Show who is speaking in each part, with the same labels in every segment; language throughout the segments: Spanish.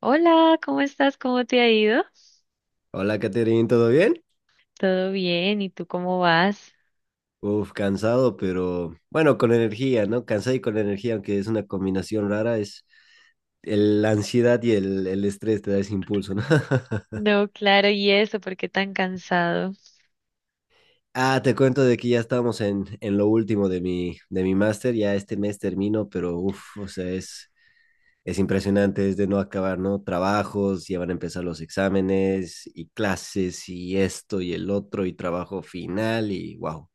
Speaker 1: Hola, ¿cómo estás? ¿Cómo te ha ido?
Speaker 2: Hola, Caterín, ¿todo bien?
Speaker 1: ¿Todo bien? ¿Y tú cómo vas?
Speaker 2: Uf, cansado, pero bueno, con energía, ¿no? Cansado y con energía, aunque es una combinación rara, es la ansiedad y el estrés te da ese impulso, ¿no?
Speaker 1: No, claro, ¿y eso? ¿Por qué tan cansado?
Speaker 2: Ah, te cuento de que ya estamos en lo último de mi máster, ya este mes termino, pero uf, o sea, es impresionante, es de no acabar, ¿no? Trabajos, ya van a empezar los exámenes y clases y esto y el otro y trabajo final y wow.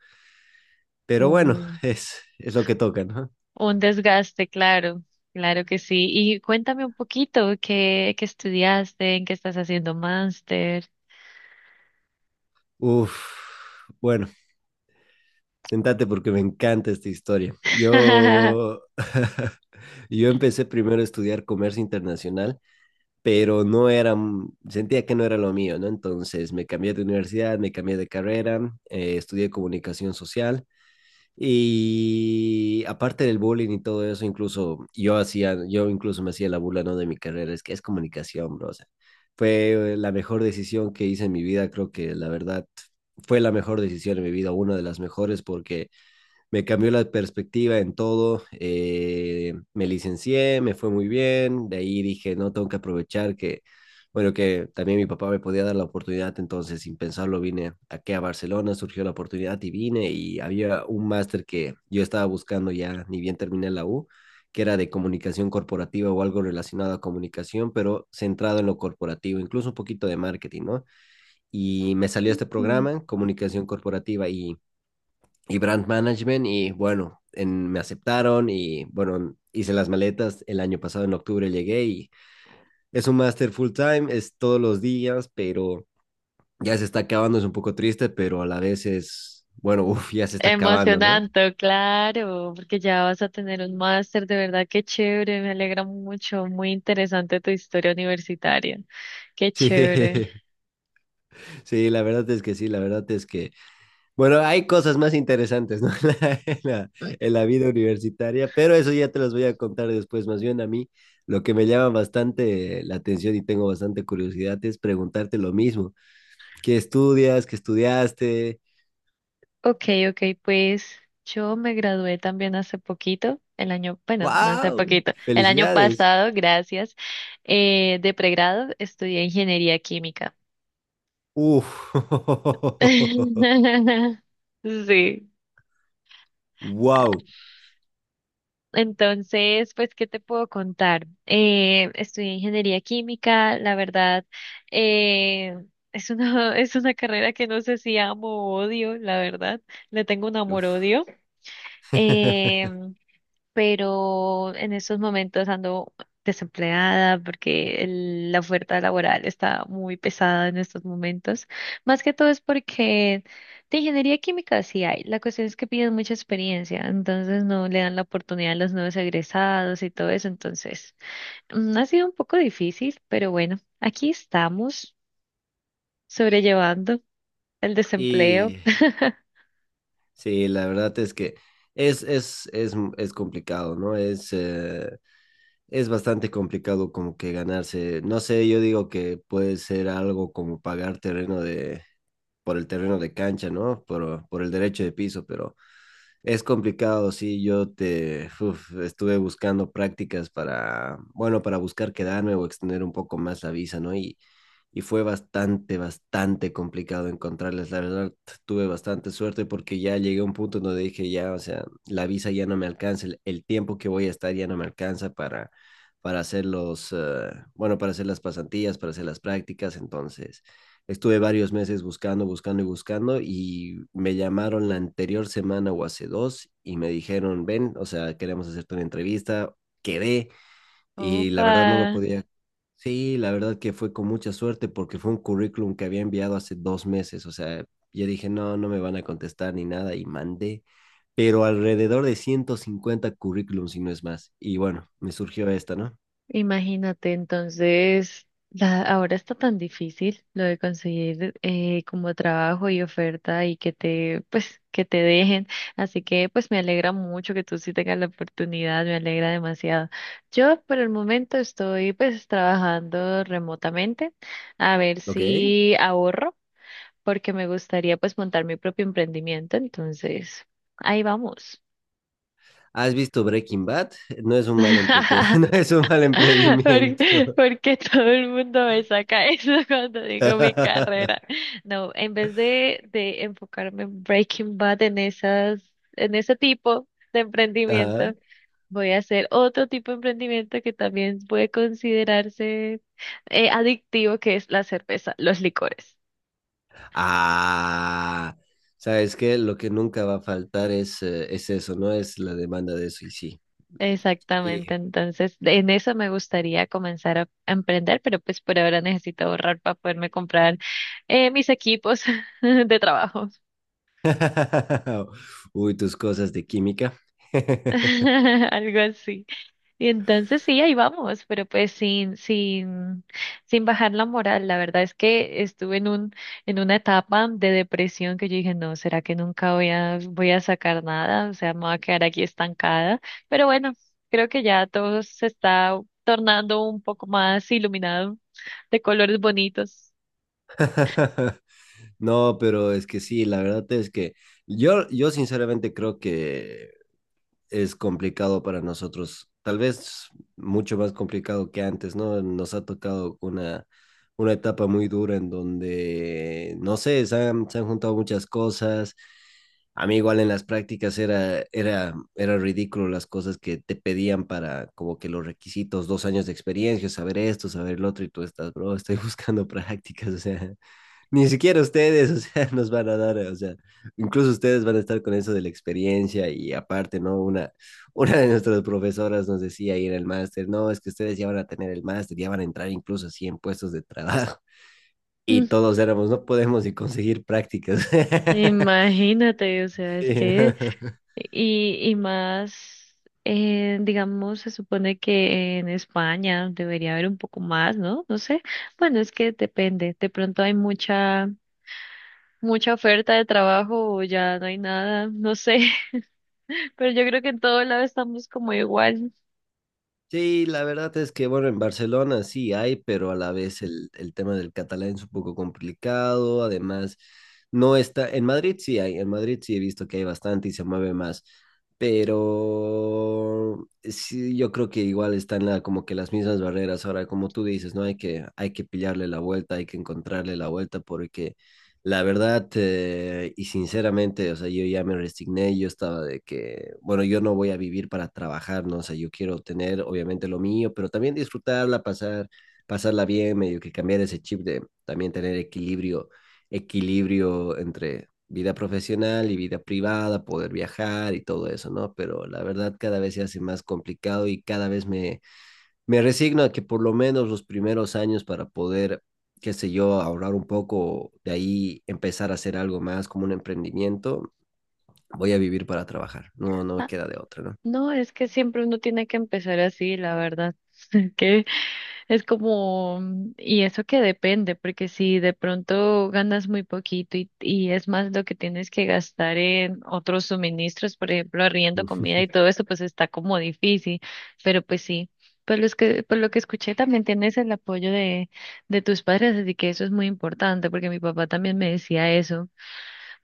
Speaker 2: Pero bueno,
Speaker 1: Un,
Speaker 2: es lo que toca, ¿no?
Speaker 1: un desgaste, claro, claro que sí. Y cuéntame un poquito, ¿qué estudiaste? ¿En qué estás haciendo máster?
Speaker 2: Uf, bueno, sentate porque me encanta esta historia. Yo, yo empecé primero a estudiar comercio internacional, pero no era, sentía que no era lo mío, ¿no? Entonces me cambié de universidad, me cambié de carrera, estudié comunicación social y aparte del bullying y todo eso, incluso yo hacía, yo incluso me hacía la burla, ¿no? De mi carrera, es que es comunicación, bro. O sea, fue la mejor decisión que hice en mi vida, creo que la verdad fue la mejor decisión en mi vida, una de las mejores, porque me cambió la perspectiva en todo. Me licencié, me fue muy bien. De ahí dije, no, tengo que aprovechar que, bueno, que también mi papá me podía dar la oportunidad. Entonces, sin pensarlo, vine aquí a Barcelona, surgió la oportunidad y vine. Y había un máster que yo estaba buscando ya, ni bien terminé la U, que era de comunicación corporativa o algo relacionado a comunicación, pero centrado en lo corporativo, incluso un poquito de marketing, ¿no? Y me salió este programa, comunicación corporativa, y brand management y bueno, me aceptaron y bueno, hice las maletas el año pasado en octubre llegué y es un máster full time, es todos los días, pero ya se está acabando, es un poco triste, pero a la vez es, bueno, uff, ya se está acabando, ¿no?
Speaker 1: Emocionante, claro, porque ya vas a tener un máster, de verdad, qué chévere, me alegra mucho, muy interesante tu historia universitaria, qué
Speaker 2: Sí,
Speaker 1: chévere.
Speaker 2: sí, la verdad es que sí, la verdad es que bueno, hay cosas más interesantes, ¿no? En la, en la- en la vida universitaria, pero eso ya te las voy a contar después. Más bien a mí, lo que me llama bastante la atención y tengo bastante curiosidad es preguntarte lo mismo. ¿Qué estudias? ¿Qué estudiaste?
Speaker 1: Ok, ok, pues yo me gradué también hace poquito, el año, bueno, no hace
Speaker 2: ¡Wow!
Speaker 1: poquito, el año
Speaker 2: ¡Felicidades!
Speaker 1: pasado, gracias, de pregrado estudié ingeniería química.
Speaker 2: ¡Uf!
Speaker 1: Sí.
Speaker 2: ¡Wow!
Speaker 1: Entonces, pues, ¿qué te puedo contar? Estudié ingeniería química, la verdad, eh, es una, es una carrera que no sé si amo o odio, la verdad, le tengo un
Speaker 2: Uf.
Speaker 1: amor-odio. em, pero en estos momentos ando desempleada porque la oferta laboral está muy pesada en estos momentos. Más que todo es porque de ingeniería química sí hay, la cuestión es que piden mucha experiencia, entonces no le dan la oportunidad a los nuevos egresados y todo eso, entonces ha sido un poco difícil, pero bueno, aquí estamos sobrellevando el desempleo.
Speaker 2: Y sí, la verdad es que es complicado, ¿no? Es bastante complicado como que ganarse. No sé, yo digo que puede ser algo como pagar por el terreno de cancha, ¿no? Por el derecho de piso, pero es complicado, sí, yo te uf, estuve buscando prácticas para, bueno, para buscar quedarme o extender un poco más la visa, ¿no? Y fue bastante, bastante complicado encontrarles. La verdad, tuve bastante suerte porque ya llegué a un punto donde dije, ya, o sea, la visa ya no me alcanza, el tiempo que voy a estar ya no me alcanza para hacer para hacer las pasantías, para hacer las prácticas, entonces... Estuve varios meses buscando, buscando y buscando y me llamaron la anterior semana o hace dos y me dijeron, ven, o sea, queremos hacerte una entrevista, quedé y la
Speaker 1: Opa.
Speaker 2: verdad no lo podía. Sí, la verdad que fue con mucha suerte porque fue un currículum que había enviado hace 2 meses, o sea, yo dije, no, no me van a contestar ni nada y mandé, pero alrededor de 150 currículums y no es más. Y bueno, me surgió esta, ¿no?
Speaker 1: Imagínate, entonces, ahora está tan difícil lo de conseguir como trabajo y oferta y que te, pues, que te dejen. Así que, pues, me alegra mucho que tú sí tengas la oportunidad, me alegra demasiado. Yo, por el momento, estoy, pues, trabajando remotamente a ver
Speaker 2: Ok.
Speaker 1: si ahorro, porque me gustaría, pues, montar mi propio emprendimiento. Entonces, ahí vamos.
Speaker 2: ¿Has visto Breaking Bad? No es un mal entrete, no es un mal emprendimiento.
Speaker 1: Porque todo el mundo me saca eso cuando digo mi carrera. No, en vez de enfocarme en Breaking Bad en esas, en ese tipo de emprendimiento,
Speaker 2: Ajá.
Speaker 1: voy a hacer otro tipo de emprendimiento que también puede considerarse adictivo, que es la cerveza, los licores.
Speaker 2: Ah, sabes que lo que nunca va a faltar es eso, ¿no? Es la demanda de eso, y sí.
Speaker 1: Exactamente,
Speaker 2: Y-
Speaker 1: entonces en eso me gustaría comenzar a emprender, pero pues por ahora necesito ahorrar para poderme comprar mis equipos de trabajo.
Speaker 2: Uy, tus cosas de química.
Speaker 1: Algo así. Y entonces sí, ahí vamos, pero pues sin bajar la moral. La verdad es que estuve en un, en una etapa de depresión que yo dije, no, ¿será que nunca voy a, voy a sacar nada? O sea, me voy a quedar aquí estancada. Pero bueno, creo que ya todo se está tornando un poco más iluminado, de colores bonitos.
Speaker 2: No, pero es que sí, la verdad es que yo sinceramente creo que es complicado para nosotros, tal vez mucho más complicado que antes, ¿no? Nos ha tocado una etapa muy dura en donde, no sé, se han juntado muchas cosas. A mí igual en las prácticas era ridículo las cosas que te pedían para como que los requisitos, 2 años de experiencia, saber esto, saber lo otro, y tú estás, bro, estoy buscando prácticas, o sea, ni siquiera ustedes, o sea, nos van a dar, o sea, incluso ustedes van a estar con eso de la experiencia y aparte, ¿no? Una, una de nuestras profesoras nos decía ahí en el máster, no, es que ustedes ya van a tener el máster, ya van a entrar incluso así en puestos de trabajo. Y
Speaker 1: Mm.
Speaker 2: todos éramos, no podemos ni conseguir prácticas.
Speaker 1: Imagínate, o sea, es
Speaker 2: Sí.
Speaker 1: que y más, digamos, se supone que en España debería haber un poco más, ¿no? No sé. Bueno, es que depende. De pronto hay mucha, mucha oferta de trabajo o ya no hay nada, no sé. Pero yo creo que en todo lado estamos como igual.
Speaker 2: Sí, la verdad es que, bueno, en Barcelona sí hay, pero a la vez el tema del catalán es un poco complicado. Además, no está. En Madrid sí hay, en Madrid sí he visto que hay bastante y se mueve más. Pero sí, yo creo que igual están la- como que las mismas barreras. Ahora, como tú dices, ¿no? Hay que pillarle la vuelta, hay que encontrarle la vuelta, porque la verdad, y sinceramente, o sea, yo ya me resigné, yo estaba de que, bueno, yo no voy a vivir para trabajar, ¿no? O sea, yo quiero tener, obviamente, lo mío, pero también disfrutarla, pasarla bien, medio que cambiar ese chip de también tener equilibrio, equilibrio entre vida profesional y vida privada, poder viajar y todo eso, ¿no? Pero la verdad, cada vez se hace más complicado y cada vez me resigno a que por lo menos los primeros años para poder, qué sé yo, ahorrar un poco, de ahí empezar a hacer algo más como un emprendimiento, voy a vivir para trabajar. No, no me queda de otra,
Speaker 1: No, es que siempre uno tiene que empezar así, la verdad. Que es como, y eso que depende, porque si de pronto ganas muy poquito y es más lo que tienes que gastar en otros suministros, por ejemplo, arriendo,
Speaker 2: ¿no?
Speaker 1: comida y todo eso, pues está como difícil. Pero pues sí, por los que, por lo que escuché también tienes el apoyo de tus padres, así que eso es muy importante, porque mi papá también me decía eso.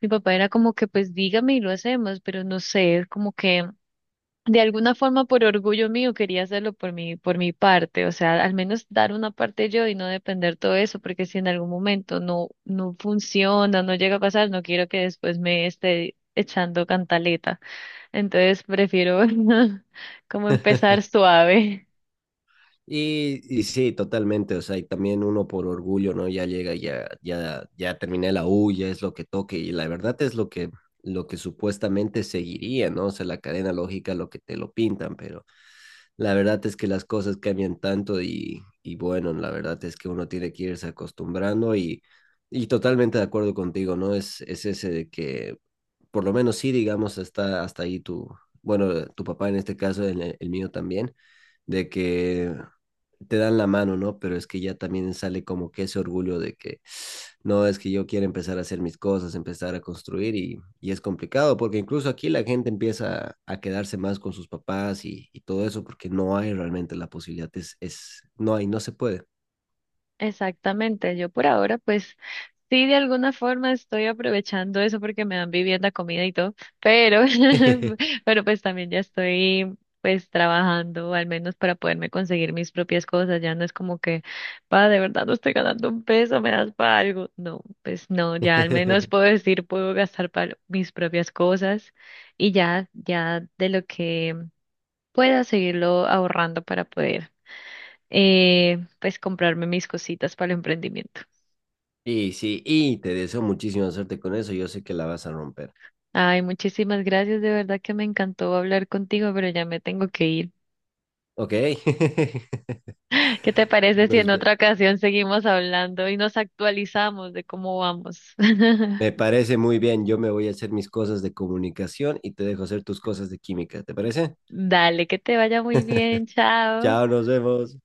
Speaker 1: Mi papá era como que, pues dígame y lo hacemos, pero no sé, es como que de alguna forma, por orgullo mío, quería hacerlo por mi parte, o sea, al menos dar una parte yo y no depender todo eso, porque si en algún momento no, no funciona, no llega a pasar, no quiero que después me esté echando cantaleta. Entonces prefiero como empezar suave.
Speaker 2: Y sí, totalmente, o sea, y también uno por orgullo, ¿no? Ya llega, ya terminé la U, ya es lo que toque, y la verdad es lo que supuestamente seguiría, ¿no? O sea, la cadena lógica, lo que te lo pintan, pero la verdad es que las cosas cambian tanto y bueno, la verdad es que uno tiene que irse acostumbrando y totalmente de acuerdo contigo, ¿no? Es ese de que, por lo menos sí, digamos, hasta, hasta ahí tu, bueno, tu papá en este caso, el mío también, de que te dan la mano, ¿no? Pero es que ya también sale como que ese orgullo de que, no, es que yo quiero empezar a hacer mis cosas, empezar a construir y es complicado porque incluso aquí la gente empieza a quedarse más con sus papás y todo eso porque no hay realmente la posibilidad, no hay, no se puede.
Speaker 1: Exactamente, yo por ahora pues sí de alguna forma estoy aprovechando eso porque me dan vivienda, comida y todo, pero, pero pues también ya estoy pues trabajando al menos para poderme conseguir mis propias cosas, ya no es como que, pa, de verdad no estoy ganando un peso, me das para algo, no, pues no, ya al menos puedo decir, puedo gastar para mis propias cosas y ya, ya de lo que pueda seguirlo ahorrando para poder pues comprarme mis cositas para el emprendimiento.
Speaker 2: Y sí, y te deseo muchísima suerte con eso, yo sé que la vas a romper.
Speaker 1: Ay, muchísimas gracias, de verdad que me encantó hablar contigo, pero ya me tengo que ir.
Speaker 2: Ok,
Speaker 1: ¿Qué te parece si en
Speaker 2: Nos ve-
Speaker 1: otra ocasión seguimos hablando y nos actualizamos de cómo vamos?
Speaker 2: me parece muy bien, yo me voy a hacer mis cosas de comunicación y te dejo hacer tus cosas de química, ¿te parece?
Speaker 1: Dale, que te vaya muy bien, chao.
Speaker 2: Chao, nos vemos.